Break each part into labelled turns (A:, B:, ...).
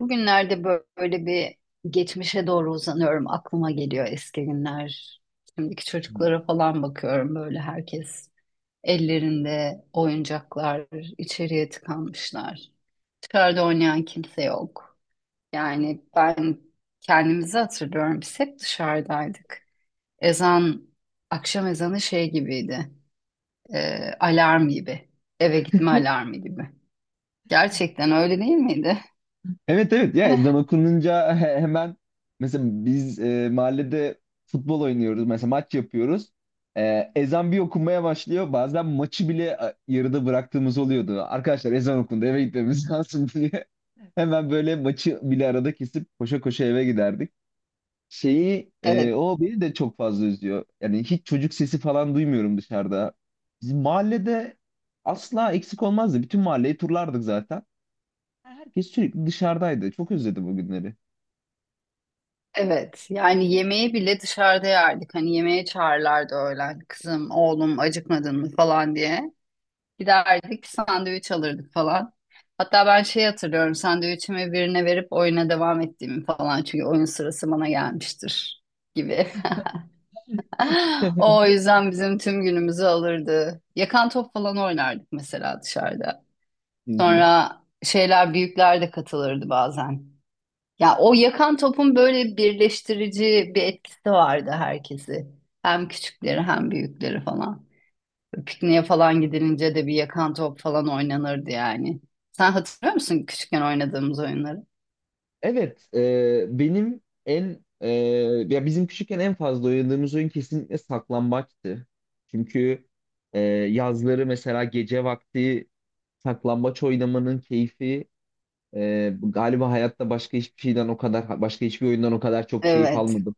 A: Bugünlerde böyle bir geçmişe doğru uzanıyorum. Aklıma geliyor eski günler. Şimdiki çocuklara falan bakıyorum böyle herkes ellerinde oyuncaklar içeriye tıkanmışlar. Dışarıda oynayan kimse yok. Yani ben kendimizi hatırlıyorum. Biz hep dışarıdaydık. Ezan, akşam ezanı şey gibiydi. Alarm gibi. Eve gitme alarmı gibi. Gerçekten öyle değil miydi?
B: Evet, evet, ya ezan okununca hemen mesela biz mahallede futbol oynuyoruz, mesela maç yapıyoruz. Ezan bir okunmaya başlıyor, bazen maçı bile yarıda bıraktığımız oluyordu. Arkadaşlar ezan okundu, eve gitmemiz lazım diye hemen böyle maçı bile arada kesip koşa koşa eve giderdik. Şeyi,
A: Evet.
B: o beni de çok fazla üzüyor. Yani hiç çocuk sesi falan duymuyorum dışarıda. Bizim mahallede asla eksik olmazdı. Bütün mahalleyi turlardık zaten. Herkes sürekli dışarıdaydı. Çok özledim o günleri.
A: Evet, yani yemeği bile dışarıda yerdik. Hani yemeğe çağırlardı öğlen. Kızım, oğlum acıkmadın mı falan diye. Giderdik sandviç alırdık falan. Hatta ben şey hatırlıyorum sandviçimi birine verip oyuna devam ettiğimi falan. Çünkü oyun sırası bana gelmiştir gibi. O yüzden bizim tüm günümüzü alırdı. Yakan top falan oynardık mesela dışarıda.
B: Hı hı.
A: Sonra şeyler büyükler de katılırdı bazen. Ya o yakan topun böyle birleştirici bir etkisi vardı herkesi. Hem küçükleri hem büyükleri falan. Pikniğe falan gidilince de bir yakan top falan oynanırdı yani. Sen hatırlıyor musun küçükken oynadığımız oyunları?
B: Evet, ya bizim küçükken en fazla oynadığımız oyun kesinlikle saklambaçtı. Çünkü yazları, mesela gece vakti saklambaç oynamanın keyfi, galiba hayatta başka hiçbir şeyden o kadar, başka hiçbir oyundan o kadar çok keyif
A: Evet,
B: almadım.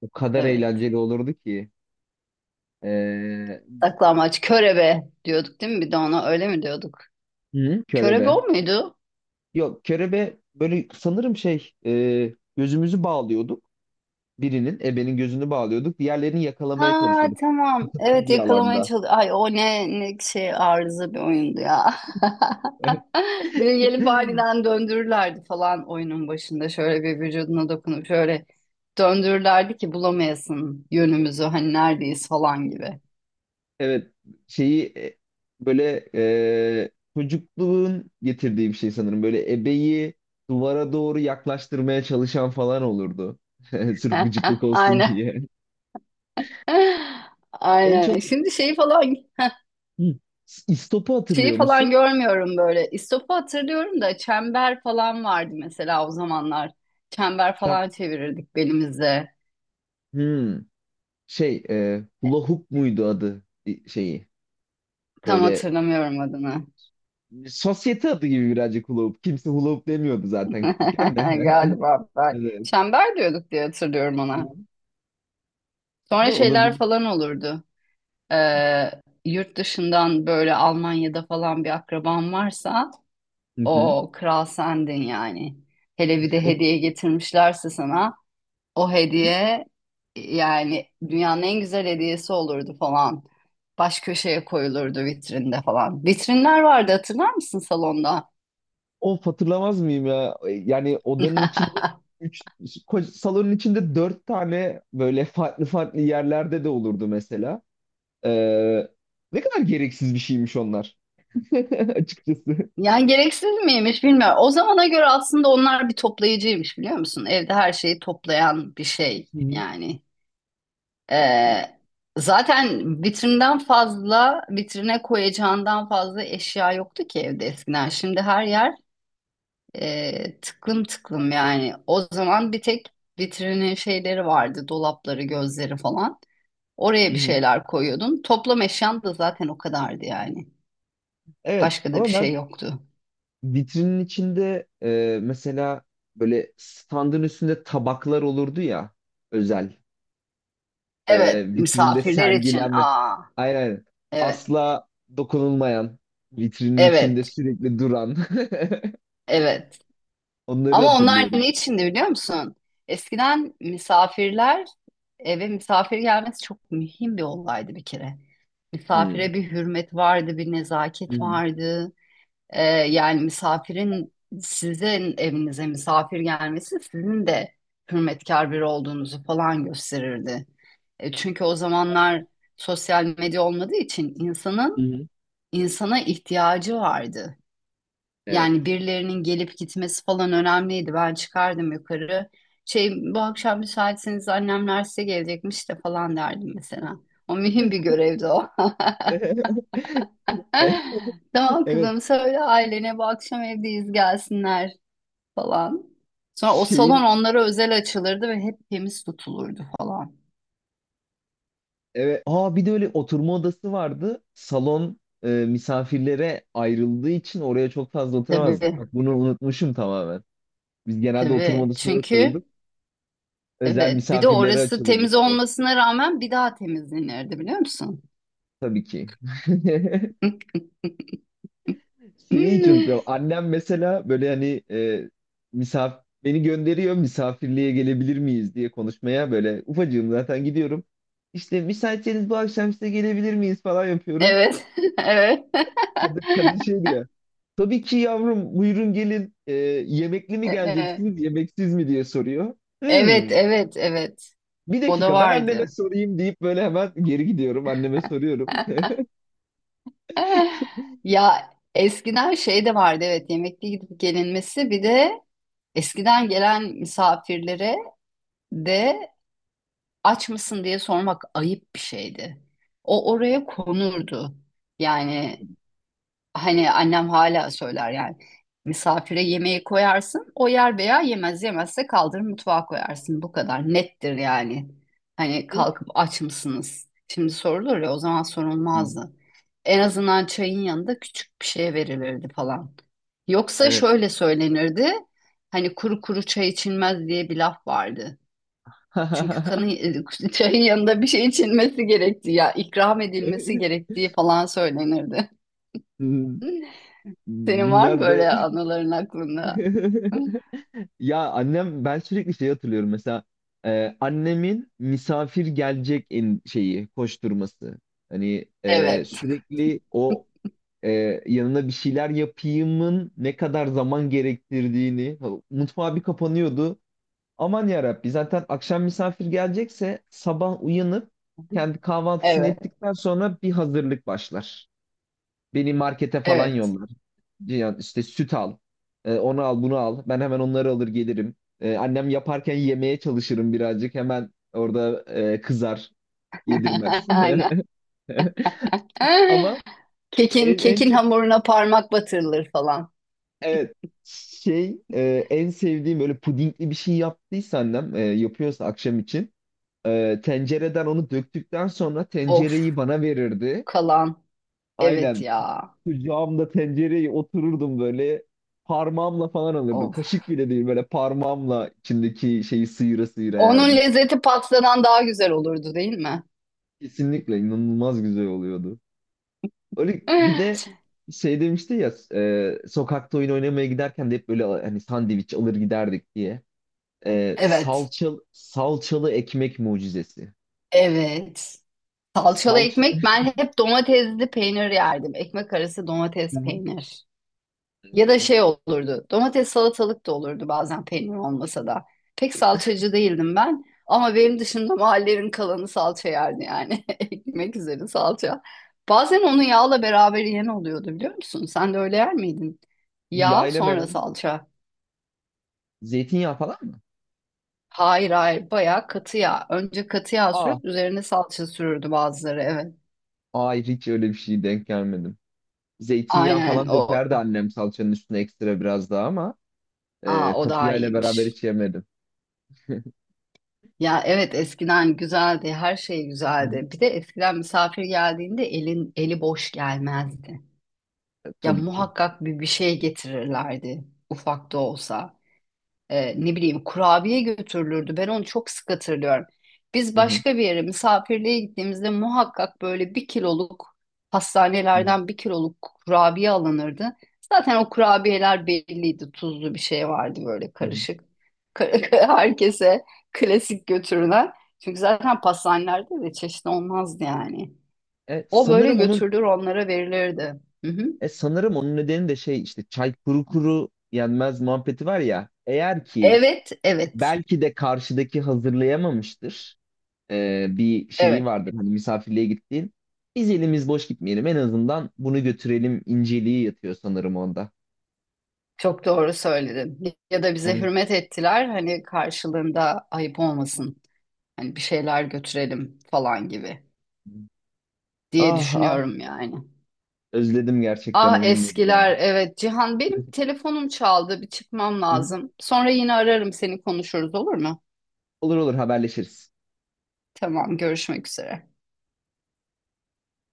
B: O kadar
A: evet.
B: eğlenceli olurdu ki. E,
A: Saklambaç, körebe diyorduk değil mi? Bir de ona öyle mi diyorduk?
B: hı,
A: Körebe o
B: körebe.
A: muydu?
B: Yok, kerebe böyle sanırım şey, gözümüzü bağlıyorduk. Birinin, ebenin gözünü bağlıyorduk. Diğerlerini yakalamaya
A: Ha
B: çalışıyorduk
A: tamam. Evet
B: bir
A: yakalamaya
B: alanda.
A: çalış. Ay o ne şey arıza bir oyundu ya. Bir de gelip aniden döndürürlerdi falan oyunun başında. Şöyle bir vücuduna dokunup şöyle döndürürlerdi ki bulamayasın yönümüzü hani neredeyiz falan gibi.
B: Evet, şeyi, böyle, e, çocukluğun getirdiği bir şey sanırım. Böyle ebeyi duvara doğru yaklaştırmaya çalışan falan olurdu. Sırf gıcıklık olsun
A: Aynen.
B: diye. En çok,
A: Aynen. Şimdi şeyi falan
B: hı, istopu
A: şeyi
B: hatırlıyor musun?
A: falan görmüyorum böyle. İstop'u hatırlıyorum da çember falan vardı mesela o zamanlar. Çember
B: Şam-
A: falan çevirirdik belimizde.
B: Hmm, Şey, hula hoop muydu adı, şeyi?
A: Tam
B: Böyle
A: hatırlamıyorum adını.
B: sosyete adı gibi birazcık, hula hoop. Kimse hula hoop demiyordu zaten küçükken de.
A: Galiba ben.
B: Evet.
A: Çember diyorduk diye hatırlıyorum ona.
B: Tamam. Ha,
A: Sonra şeyler
B: olabilir.
A: falan olurdu. Ee, Yurt dışından böyle Almanya'da falan bir akraban varsa
B: Hı hı.
A: o kral sendin yani. Hele bir de hediye getirmişlerse sana o hediye yani dünyanın en güzel hediyesi olurdu falan. Baş köşeye koyulurdu vitrinde falan. Vitrinler vardı hatırlar mısın salonda?
B: Of, hatırlamaz mıyım ya? Yani odanın içinde, üç, salonun içinde dört tane böyle farklı farklı yerlerde de olurdu mesela. Ee, Ne kadar gereksiz bir şeymiş onlar. Açıkçası.
A: Yani gereksiz miymiş bilmiyorum. O zamana göre aslında onlar bir toplayıcıymış biliyor musun? Evde her şeyi toplayan bir şey
B: Hı hı.
A: yani. Ee, Zaten vitrinden fazla, vitrine koyacağından fazla eşya yoktu ki evde eskiden. Şimdi her yer tıklım tıklım yani. O zaman bir tek vitrinin şeyleri vardı, dolapları, gözleri falan. Oraya
B: Hı
A: bir
B: hı.
A: şeyler koyuyordun. Toplam eşyan da zaten o kadardı yani.
B: Evet,
A: Başka da bir
B: ama ben
A: şey yoktu.
B: vitrinin içinde, mesela böyle standın üstünde tabaklar olurdu ya, özel.
A: Evet,
B: Vitrinde
A: misafirler için.
B: sergilenme.
A: Aa,
B: Aynen, aynen.
A: evet,
B: Asla dokunulmayan, vitrinin içinde
A: evet,
B: sürekli duran.
A: evet.
B: Onları
A: Ama onlar
B: hatırlıyorum.
A: ne içindi biliyor musun? Eskiden misafirler eve misafir gelmesi çok mühim bir olaydı bir kere.
B: Hmm.
A: Misafire bir hürmet vardı, bir
B: Hı
A: nezaket
B: hı.
A: vardı. Yani misafirin sizin evinize misafir gelmesi sizin de hürmetkar biri olduğunuzu falan gösterirdi. Çünkü o zamanlar sosyal medya olmadığı için
B: Hı
A: insanın
B: hı.
A: insana ihtiyacı vardı.
B: Evet.
A: Yani birilerinin gelip gitmesi falan önemliydi. Ben çıkardım yukarı. Şey bu akşam müsaitseniz annemler size gelecekmiş de falan derdim mesela. O mühim bir görevdi o.
B: E-
A: Tamam
B: Evet.
A: kızım söyle ailene bu akşam evdeyiz gelsinler falan. Sonra o salon
B: Şeyi
A: onlara özel açılırdı ve hep temiz tutulurdu falan.
B: evet. Aa, bir de öyle oturma odası vardı. Salon misafirlere ayrıldığı için oraya çok fazla oturamazdık.
A: Tabii
B: Bak, bunu unutmuşum tamamen. Biz genelde oturma
A: tabii
B: odasında
A: çünkü
B: otururduk. Özel
A: evet bir de
B: misafirlere
A: orası
B: açılırdı
A: temiz
B: salon.
A: olmasına rağmen bir daha temizlenirdi biliyor musun?
B: Tabii ki. Şeyi hiç unutamam. Annem mesela böyle hani, misafir, beni gönderiyor misafirliğe gelebilir miyiz diye konuşmaya, böyle ufacığım zaten gidiyorum. İşte müsaitseniz bu akşam size gelebilir miyiz falan yapıyorum.
A: Evet. Evet.
B: Kadın, kadın şey diyor. Tabii ki yavrum, buyurun gelin. Yemekli mi
A: E- e-
B: geleceksiniz, yemeksiz mi diye soruyor.
A: Evet,
B: Hmm,
A: evet, evet.
B: Bir
A: O da
B: dakika, ben anneme
A: vardı.
B: sorayım, deyip böyle hemen geri gidiyorum, anneme soruyorum.
A: Ya eskiden şey de vardı evet yemekli gidip gelinmesi bir de eskiden gelen misafirlere de aç mısın diye sormak ayıp bir şeydi. O oraya konurdu. Yani hani annem hala söyler yani. Misafire yemeği koyarsın, o yer veya yemez. Yemezse kaldırır mutfağa koyarsın. Bu kadar nettir yani. Hani kalkıp aç mısınız? Şimdi sorulur ya o zaman sorulmazdı. En azından çayın yanında küçük bir şey verilirdi falan. Yoksa
B: Evet.
A: şöyle söylenirdi. Hani kuru kuru çay içilmez diye bir laf vardı. Çünkü kanın çayın yanında bir şey içilmesi gerektiği ya ikram edilmesi gerektiği falan söylenirdi. Senin var mı
B: Bunlar be.
A: böyle anıların aklında?
B: Ya annem, ben sürekli şey hatırlıyorum, mesela annemin misafir gelecek en şeyi koşturması. Hani
A: Evet,
B: sürekli o, e, yanına bir şeyler yapayımın ne kadar zaman gerektirdiğini, ha, mutfağa bir kapanıyordu. Aman ya Rabbi, zaten akşam misafir gelecekse sabah uyanıp kendi kahvaltısını
A: evet,
B: ettikten sonra bir hazırlık başlar. Beni markete falan
A: evet.
B: yollar. Yani işte, süt al. Onu al, bunu al. Ben hemen onları alır gelirim. Annem yaparken yemeye çalışırım birazcık. Hemen orada kızar, yedirmez.
A: Aynen.
B: Ama
A: Kekin,
B: en
A: kekin
B: çok,
A: hamuruna parmak batırılır falan.
B: evet, şey, en sevdiğim böyle pudingli bir şey yaptıysa annem, yapıyorsa akşam için tencereden onu döktükten sonra
A: Of,
B: tencereyi bana verirdi.
A: kalan. Evet
B: Aynen.
A: ya.
B: Kucağımda tencereye otururdum böyle. Parmağımla falan alırdım.
A: Of.
B: Kaşık bile değil, böyle parmağımla içindeki şeyi sıyıra sıyıra
A: Onun
B: yerdim.
A: lezzeti pastadan daha güzel olurdu değil mi?
B: Kesinlikle inanılmaz güzel oluyordu. Öyle bir de şey demişti ya, sokakta oyun oynamaya giderken de hep böyle hani sandviç alır giderdik diye. E,
A: Evet,
B: salçalı, salçalı ekmek mucizesi.
A: evet. Salçalı
B: Salça.
A: ekmek ben hep domatesli peynir yerdim. Ekmek arası
B: Hı
A: domates
B: hı.
A: peynir. Ya da şey olurdu. Domates salatalık da olurdu bazen peynir olmasa da. Pek salçacı değildim ben. Ama benim dışında mahallenin kalanı salça yerdi yani. Ekmek üzeri salça. Bazen onu yağla beraber yiyen oluyordu biliyor musun? Sen de öyle yer miydin? Yağ
B: Yayla
A: sonra
B: veren
A: salça.
B: zeytinyağı falan mı?
A: Hayır hayır bayağı katı yağ. Önce katı yağ
B: Aa,
A: sürüp üzerine salça sürürdü bazıları evet.
B: hayır, hiç öyle bir şey denk gelmedim. Zeytinyağı
A: Aynen
B: falan
A: o.
B: dökerdi annem salçanın üstüne ekstra biraz daha ama
A: Aa o
B: katı
A: daha
B: yağ ile beraber
A: iyiymiş.
B: hiç yemedim.
A: Ya evet eskiden güzeldi, her şey
B: Hı hı.
A: güzeldi. Bir de eskiden misafir geldiğinde elin eli boş gelmezdi. Ya
B: Tabii ki.
A: muhakkak bir şey getirirlerdi, ufak da olsa ne bileyim kurabiye götürülürdü. Ben onu çok sık hatırlıyorum. Biz
B: Hı hı.
A: başka bir yere misafirliğe gittiğimizde muhakkak böyle bir kiloluk
B: Hı hı.
A: pastanelerden bir kiloluk kurabiye alınırdı. Zaten o kurabiyeler belliydi. Tuzlu bir şey vardı böyle
B: Hı hı.
A: karışık. Herkese klasik götürülen. Çünkü zaten pastanelerde de çeşitli olmazdı yani.
B: E,
A: O böyle
B: sanırım onun
A: götürülür onlara verilirdi. Hı hı.
B: Sanırım onun nedeni de şey, işte çay kuru kuru yenmez muhabbeti var ya. Eğer ki
A: Evet, evet,
B: belki de karşıdaki hazırlayamamıştır. Bir şeyi
A: evet.
B: vardır hani misafirliğe gittiğin. Biz elimiz boş gitmeyelim, en azından bunu götürelim inceliği yatıyor sanırım onda.
A: Çok doğru söyledin. Ya da bize
B: Evet.
A: hürmet ettiler hani karşılığında ayıp olmasın. Hani bir şeyler götürelim falan gibi diye
B: Ah, ah,
A: düşünüyorum yani.
B: özledim gerçekten o
A: Ah
B: günleri ya.
A: eskiler evet Cihan benim telefonum çaldı bir çıkmam
B: Hı hı.
A: lazım. Sonra yine ararım seni konuşuruz olur mu?
B: Olur, olur, haberleşiriz.
A: Tamam görüşmek üzere.